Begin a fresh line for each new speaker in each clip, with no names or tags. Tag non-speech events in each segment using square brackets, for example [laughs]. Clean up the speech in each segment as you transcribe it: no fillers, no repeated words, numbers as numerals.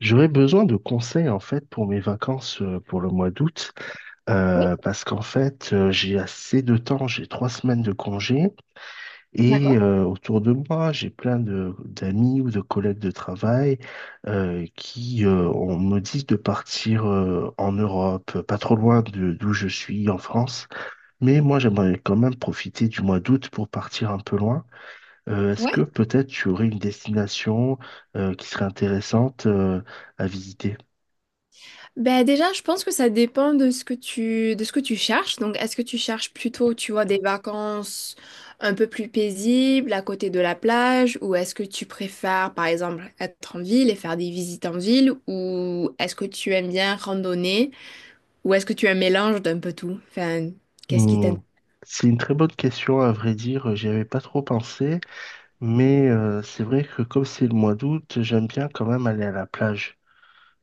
J'aurais besoin de conseils en fait pour mes vacances pour le mois d'août
Oui,
parce qu'en fait j'ai assez de temps, j'ai trois semaines de congé et
d'accord.
autour de moi j'ai plein de d'amis ou de collègues de travail qui on me dit de partir en Europe, pas trop loin de d'où je suis en France, mais moi j'aimerais quand même profiter du mois d'août pour partir un peu loin. Est-ce
Ouais.
que peut-être tu aurais une destination qui serait intéressante à visiter?
Ben déjà, je pense que ça dépend de ce que tu cherches. Donc, est-ce que tu cherches plutôt, tu vois, des vacances un peu plus paisibles à côté de la plage, ou est-ce que tu préfères, par exemple, être en ville et faire des visites en ville, ou est-ce que tu aimes bien randonner, ou est-ce que tu as un mélange d'un peu tout? Enfin, qu'est-ce qui
Hmm.
t'intéresse?
C'est une très bonne question, à vrai dire, j'y avais pas trop pensé, mais c'est vrai que comme c'est le mois d'août, j'aime bien quand même aller à la plage.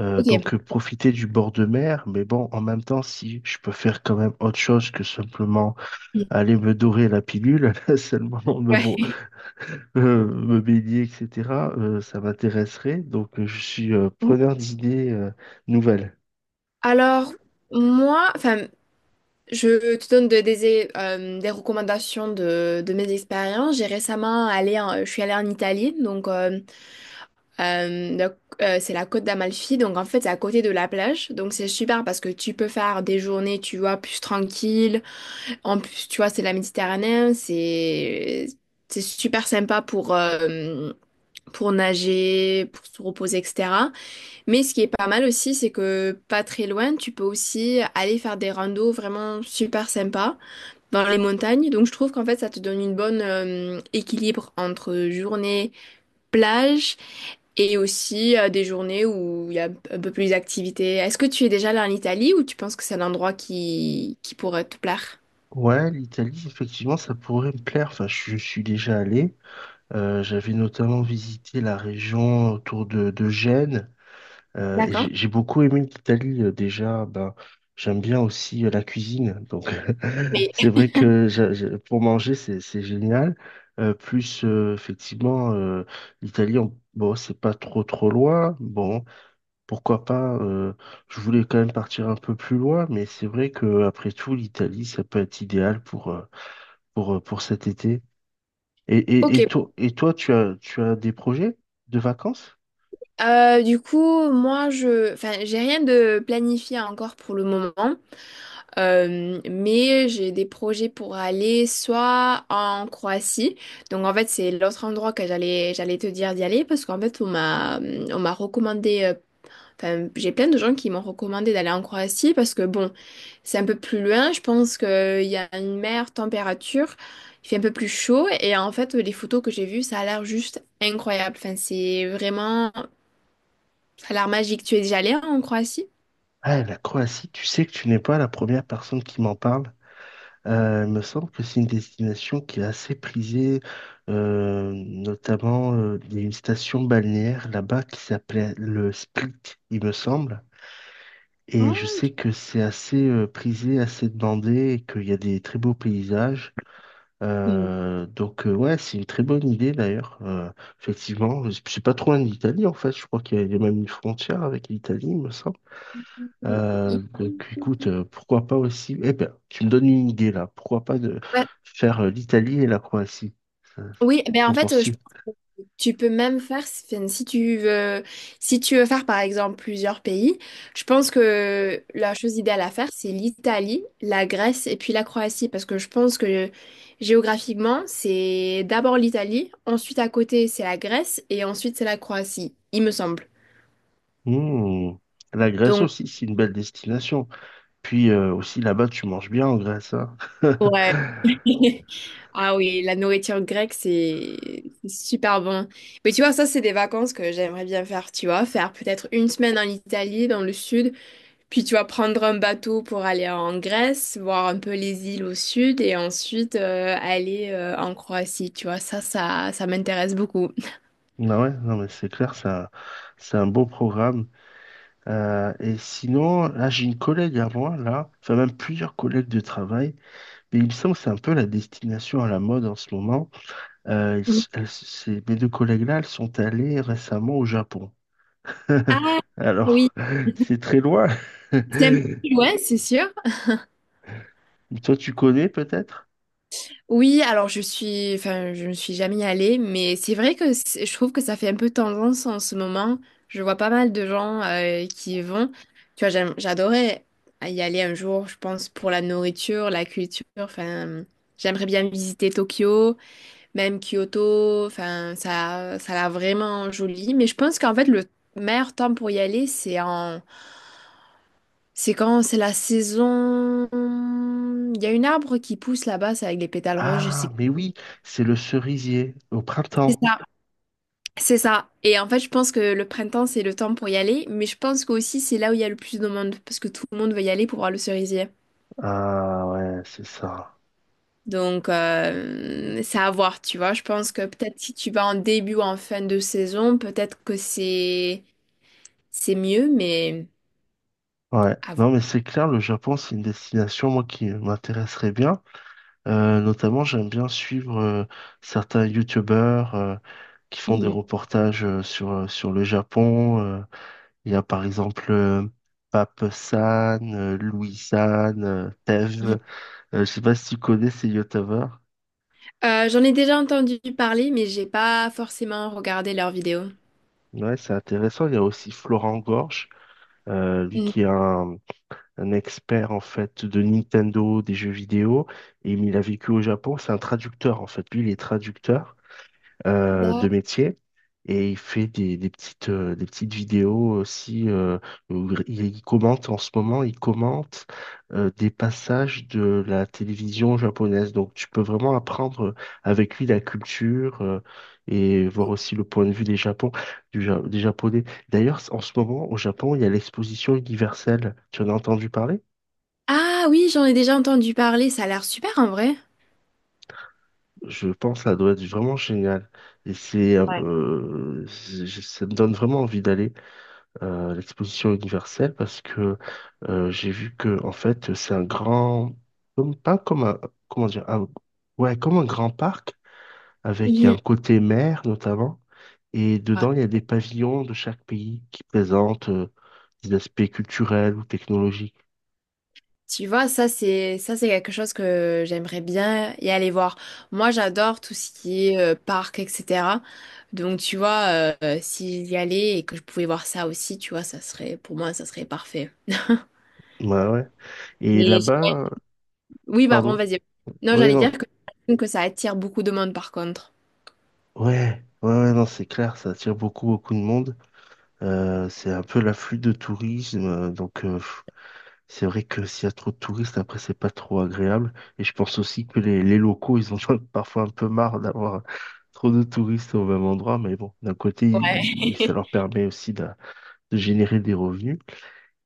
Ok.
Profiter du bord de mer, mais bon, en même temps, si je peux faire quand même autre chose que simplement
Ouais.
aller me dorer la pilule, [laughs] seulement me, bon,
[laughs]
me baigner, etc., ça m'intéresserait. Je suis preneur d'idées nouvelles.
Alors, moi, enfin. Je te donne des recommandations de mes expériences. J'ai récemment allé en- Je suis allée en Italie, donc euh, la- c'est la côte d'Amalfi, donc en fait c'est à côté de la plage, donc c'est super parce que tu peux faire des journées, tu vois, plus tranquille. En plus, tu vois, c'est la Méditerranée, c'est super sympa pour nager, pour se reposer, etc. Mais ce qui est pas mal aussi, c'est que pas très loin, tu peux aussi aller faire des randos vraiment super sympas dans les montagnes. Donc je trouve qu'en fait ça te donne une bonne équilibre entre journée plage et aussi des journées où il y a un peu plus d'activités. Est-ce que tu es déjà allé en Italie ou tu penses que c'est un endroit qui pourrait te plaire?
Ouais, l'Italie, effectivement, ça pourrait me plaire. Enfin, je suis déjà allé. J'avais notamment visité la région autour de Gênes et
D'accord.
j'ai beaucoup aimé l'Italie déjà. Ben, j'aime bien aussi la cuisine, donc [laughs] c'est
Mais
vrai que pour manger c'est génial. Plus effectivement, l'Italie, bon c'est pas trop loin. Bon pourquoi pas. Je voulais quand même partir un peu plus loin, mais c'est vrai que après tout l'Italie ça peut être idéal pour pour cet été. Et, et,
ok.
et toi, et toi, tu as des projets de vacances?
Du coup, j'ai rien de planifié encore pour le moment. Mais j'ai des projets pour aller soit en Croatie. Donc en fait, c'est l'autre endroit que j'allais te dire d'y aller parce qu'en fait, on m'a recommandé enfin, j'ai plein de gens qui m'ont recommandé d'aller en Croatie parce que bon, c'est un peu plus loin, je pense qu'il y a une meilleure température, il fait un peu plus chaud et en fait, les photos que j'ai vues, ça a l'air juste incroyable. Enfin, c'est vraiment ça a l'air magique. Tu es déjà allé en Croatie?
Ah, la Croatie, tu sais que tu n'es pas la première personne qui m'en parle. Il me semble que c'est une destination qui est assez prisée, notamment il y a une station balnéaire là-bas qui s'appelait le Split, il me semble. Et je
Ah,
sais que c'est assez prisé, assez demandé et qu'il y a des très beaux paysages.
ok.
Ouais, c'est une très bonne idée d'ailleurs. Effectivement, je sais pas trop en Italie en fait. Je crois qu'il y a même une frontière avec l'Italie, il me semble. Écoute, pourquoi pas aussi. Eh ben, tu me donnes une idée là. Pourquoi pas de
Ouais.
faire l'Italie et la Croatie? Ça-
Oui, ben
Qu'en
en fait, je...
penses-tu?
Tu peux même faire, si tu veux, si tu veux faire par exemple plusieurs pays, je pense que la chose idéale à faire, c'est l'Italie, la Grèce et puis la Croatie, parce que je pense que géographiquement, c'est d'abord l'Italie, ensuite à côté, c'est la Grèce et ensuite c'est la Croatie, il me semble.
Hmm. La Grèce
Donc,
aussi, c'est une belle destination. Puis aussi là-bas, tu manges bien en Grèce, hein. [laughs]
ouais. [laughs] Ah oui, la nourriture grecque, c'est super bon. Mais tu vois, ça, c'est des vacances que j'aimerais bien faire, tu vois, faire peut-être une semaine en Italie, dans le sud. Puis tu vas prendre un bateau pour aller en Grèce, voir un peu les îles au sud et ensuite aller en Croatie. Tu vois, ça m'intéresse beaucoup.
Ah ouais, non mais c'est clair, ça, c'est un beau programme. Et sinon, là, j'ai une collègue à moi, là, enfin même plusieurs collègues de travail, mais il me semble que c'est un peu la destination à la mode en ce moment. Ils
Mhm.
s- elles s- ces- Mes deux collègues-là, elles sont allées récemment au Japon. [laughs]
Ah oui,
Alors, c'est très loin.
c'est un peu plus
[laughs]
loin, c'est sûr.
Toi, tu connais peut-être?
Oui, alors je ne suis jamais allée, mais c'est vrai que je trouve que ça fait un peu tendance en ce moment. Je vois pas mal de gens qui y vont. Tu vois, j'adorais y aller un jour, je pense, pour la nourriture, la culture. Enfin, j'aimerais bien visiter Tokyo. Même Kyoto, enfin, ça l'a vraiment joli. Mais je pense qu'en fait, le meilleur temps pour y aller, c'est quand c'est la saison. Il y a une arbre qui pousse là-bas, c'est avec les pétales roses, je sais
Ah, mais
plus.
oui, c'est le cerisier au
C'est
printemps.
ça. C'est ça. Et en fait, je pense que le printemps, c'est le temps pour y aller. Mais je pense qu'aussi, c'est là où il y a le plus de monde, parce que tout le monde veut y aller pour voir le cerisier.
Ah ouais, c'est ça.
Donc, c'est à voir, tu vois. Je pense que peut-être si tu vas en début ou en fin de saison, peut-être que c'est mieux, mais.
Ouais.
À voir.
Non, mais c'est clair, le Japon, c'est une destination, moi, qui m'intéresserait bien. Notamment, j'aime bien suivre certains youtubeurs qui font des
Mhm.
reportages sur le Japon. Il y a par exemple Pape San, Louis San, Tev.
Mhm.
Je sais pas si tu connais ces youtubeurs.
J'en ai déjà entendu parler, mais j'ai pas forcément regardé leurs vidéos.
Ouais, c'est intéressant. Il y a aussi Florent Gorge, lui
Mm.
qui est un expert en fait de Nintendo, des jeux vidéo, et il a vécu au Japon. C'est un traducteur en fait. Lui, il est traducteur. De
D'ac-.
métier. Et il fait des petites vidéos aussi où il commente en ce moment, il commente des passages de la télévision japonaise. Donc tu peux vraiment apprendre avec lui la culture et voir aussi le point de vue des Japon, du Ja- des Japonais. D'ailleurs, en ce moment, au Japon, il y a l'exposition universelle. Tu en as entendu parler?
Ah oui, j'en ai déjà entendu parler, ça a l'air super en vrai.
Je pense que ça doit être vraiment génial. Et
Ouais.
ça me donne vraiment envie d'aller. L'exposition universelle parce que j'ai vu que en fait c'est un grand comme pas comme un comment dire un- ouais comme un grand parc avec il y a
Mhm.
un côté mer notamment et
Ah,
dedans il y a des pavillons de chaque pays qui présentent des aspects culturels ou technologiques.
tu vois, ça c'est quelque chose que j'aimerais bien y aller voir. Moi, j'adore tout ce qui est parc, etc. Donc, tu vois, si j'y allais et que je pouvais voir ça aussi, tu vois, ça serait parfait.
Ouais, ouais, et
Mais j'ai-.
là-bas
Oui, bah bon,
pardon.
vas-y. Non,
Oui,
j'allais dire
non,
que ça attire beaucoup de monde par contre.
ouais, ouais, ouais, non c'est clair, ça attire beaucoup de monde. C'est un peu l'afflux de tourisme, c'est vrai que s'il y a trop de touristes, après, c'est pas trop agréable. Et je pense aussi que les locaux, ils en ont [laughs] parfois un peu marre d'avoir trop de touristes au même endroit. Mais bon, d'un côté,
Ouais.
ça
[laughs]
leur permet aussi de générer des revenus.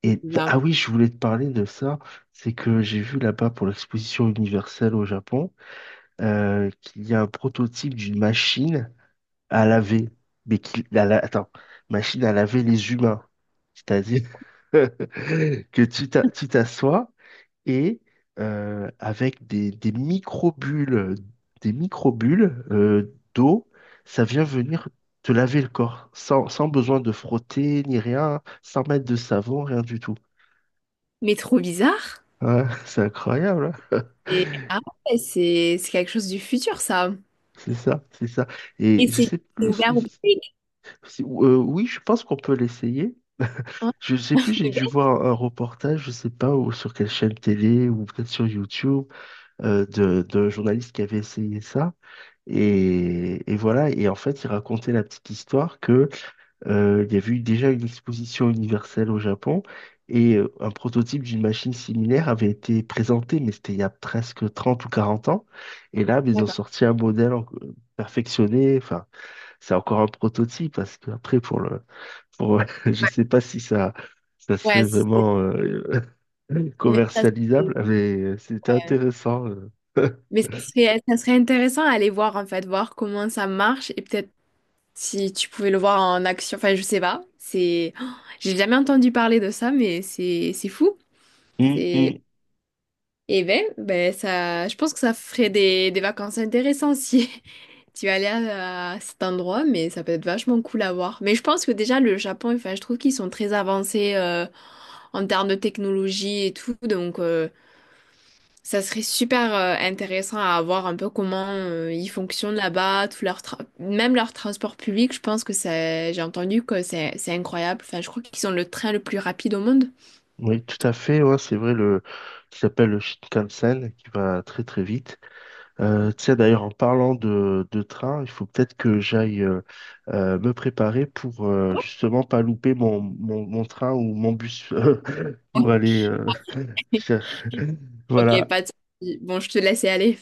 Et
Bizarre.
ah oui, je voulais te parler de ça. C'est que j'ai vu là-bas pour l'exposition universelle au Japon, qu'il y a un prototype d'une machine à laver. Mais qui, attends, machine à laver les humains. C'est-à-dire [laughs] que tu t'assois et avec des microbules, d'eau, ça vient venir te laver le corps sans, sans besoin de frotter ni rien, sans mettre de savon, rien du tout.
Mais trop bizarre.
Ouais, [laughs] c'est incroyable, hein.
Et ah ouais, c'est quelque chose du futur, ça.
C'est ça, c'est ça.
Et
Et je sais
c'est
plus,
ouvert au public.
oui, je pense qu'on peut l'essayer.
Hein,
Je sais
sur
plus, j'ai
le web.
dû voir un reportage, je sais pas, ou sur quelle chaîne télé, ou peut-être sur YouTube, d'un journaliste qui avait essayé ça. Et voilà, et en fait, il racontait la petite histoire que il y avait eu déjà une exposition universelle au Japon et un prototype d'une machine similaire avait été présenté, mais c'était il y a presque 30 ou 40 ans. Et là, mais ils ont
D'accord.
sorti un modèle perfectionné. Enfin, c'est encore un prototype parce qu'après, pour, [laughs]
Ouais.
je sais pas si ça, ça serait
Ouais, si c'est-
vraiment [laughs]
mais ça, c'est-
commercialisable, mais c'était
ouais.
intéressant. [laughs]
Mais ça serait intéressant à aller voir, en fait, voir comment ça marche et peut-être si tu pouvais le voir en action. Enfin, je sais pas. C'est, [gasps] oh, j'ai jamais entendu parler de ça, mais c'est fou. C'est,
Hum.
et ben, ça, je pense que ça ferait des vacances intéressantes si. Tu vas aller à cet endroit, mais ça peut être vachement cool à voir. Mais je pense que déjà, le Japon, enfin, je trouve qu'ils sont très avancés en termes de technologie et tout. Donc, ça serait super intéressant à voir un peu comment ils fonctionnent là-bas, tout leur tra- même leur transport public. Je pense que c'est, j'ai entendu que c'est incroyable. Enfin, je crois qu'ils ont le train le plus rapide au monde.
Oui, tout à fait. Ouais, c'est vrai, le qui s'appelle le Shinkansen, qui va très vite. Tu sais, d'ailleurs, en parlant de train, il faut peut-être que j'aille me préparer pour justement pas louper mon train ou mon bus [laughs] pour
[laughs]
aller. [laughs]
Ok,
Voilà.
pas de souci. Bon, je te laisse y aller.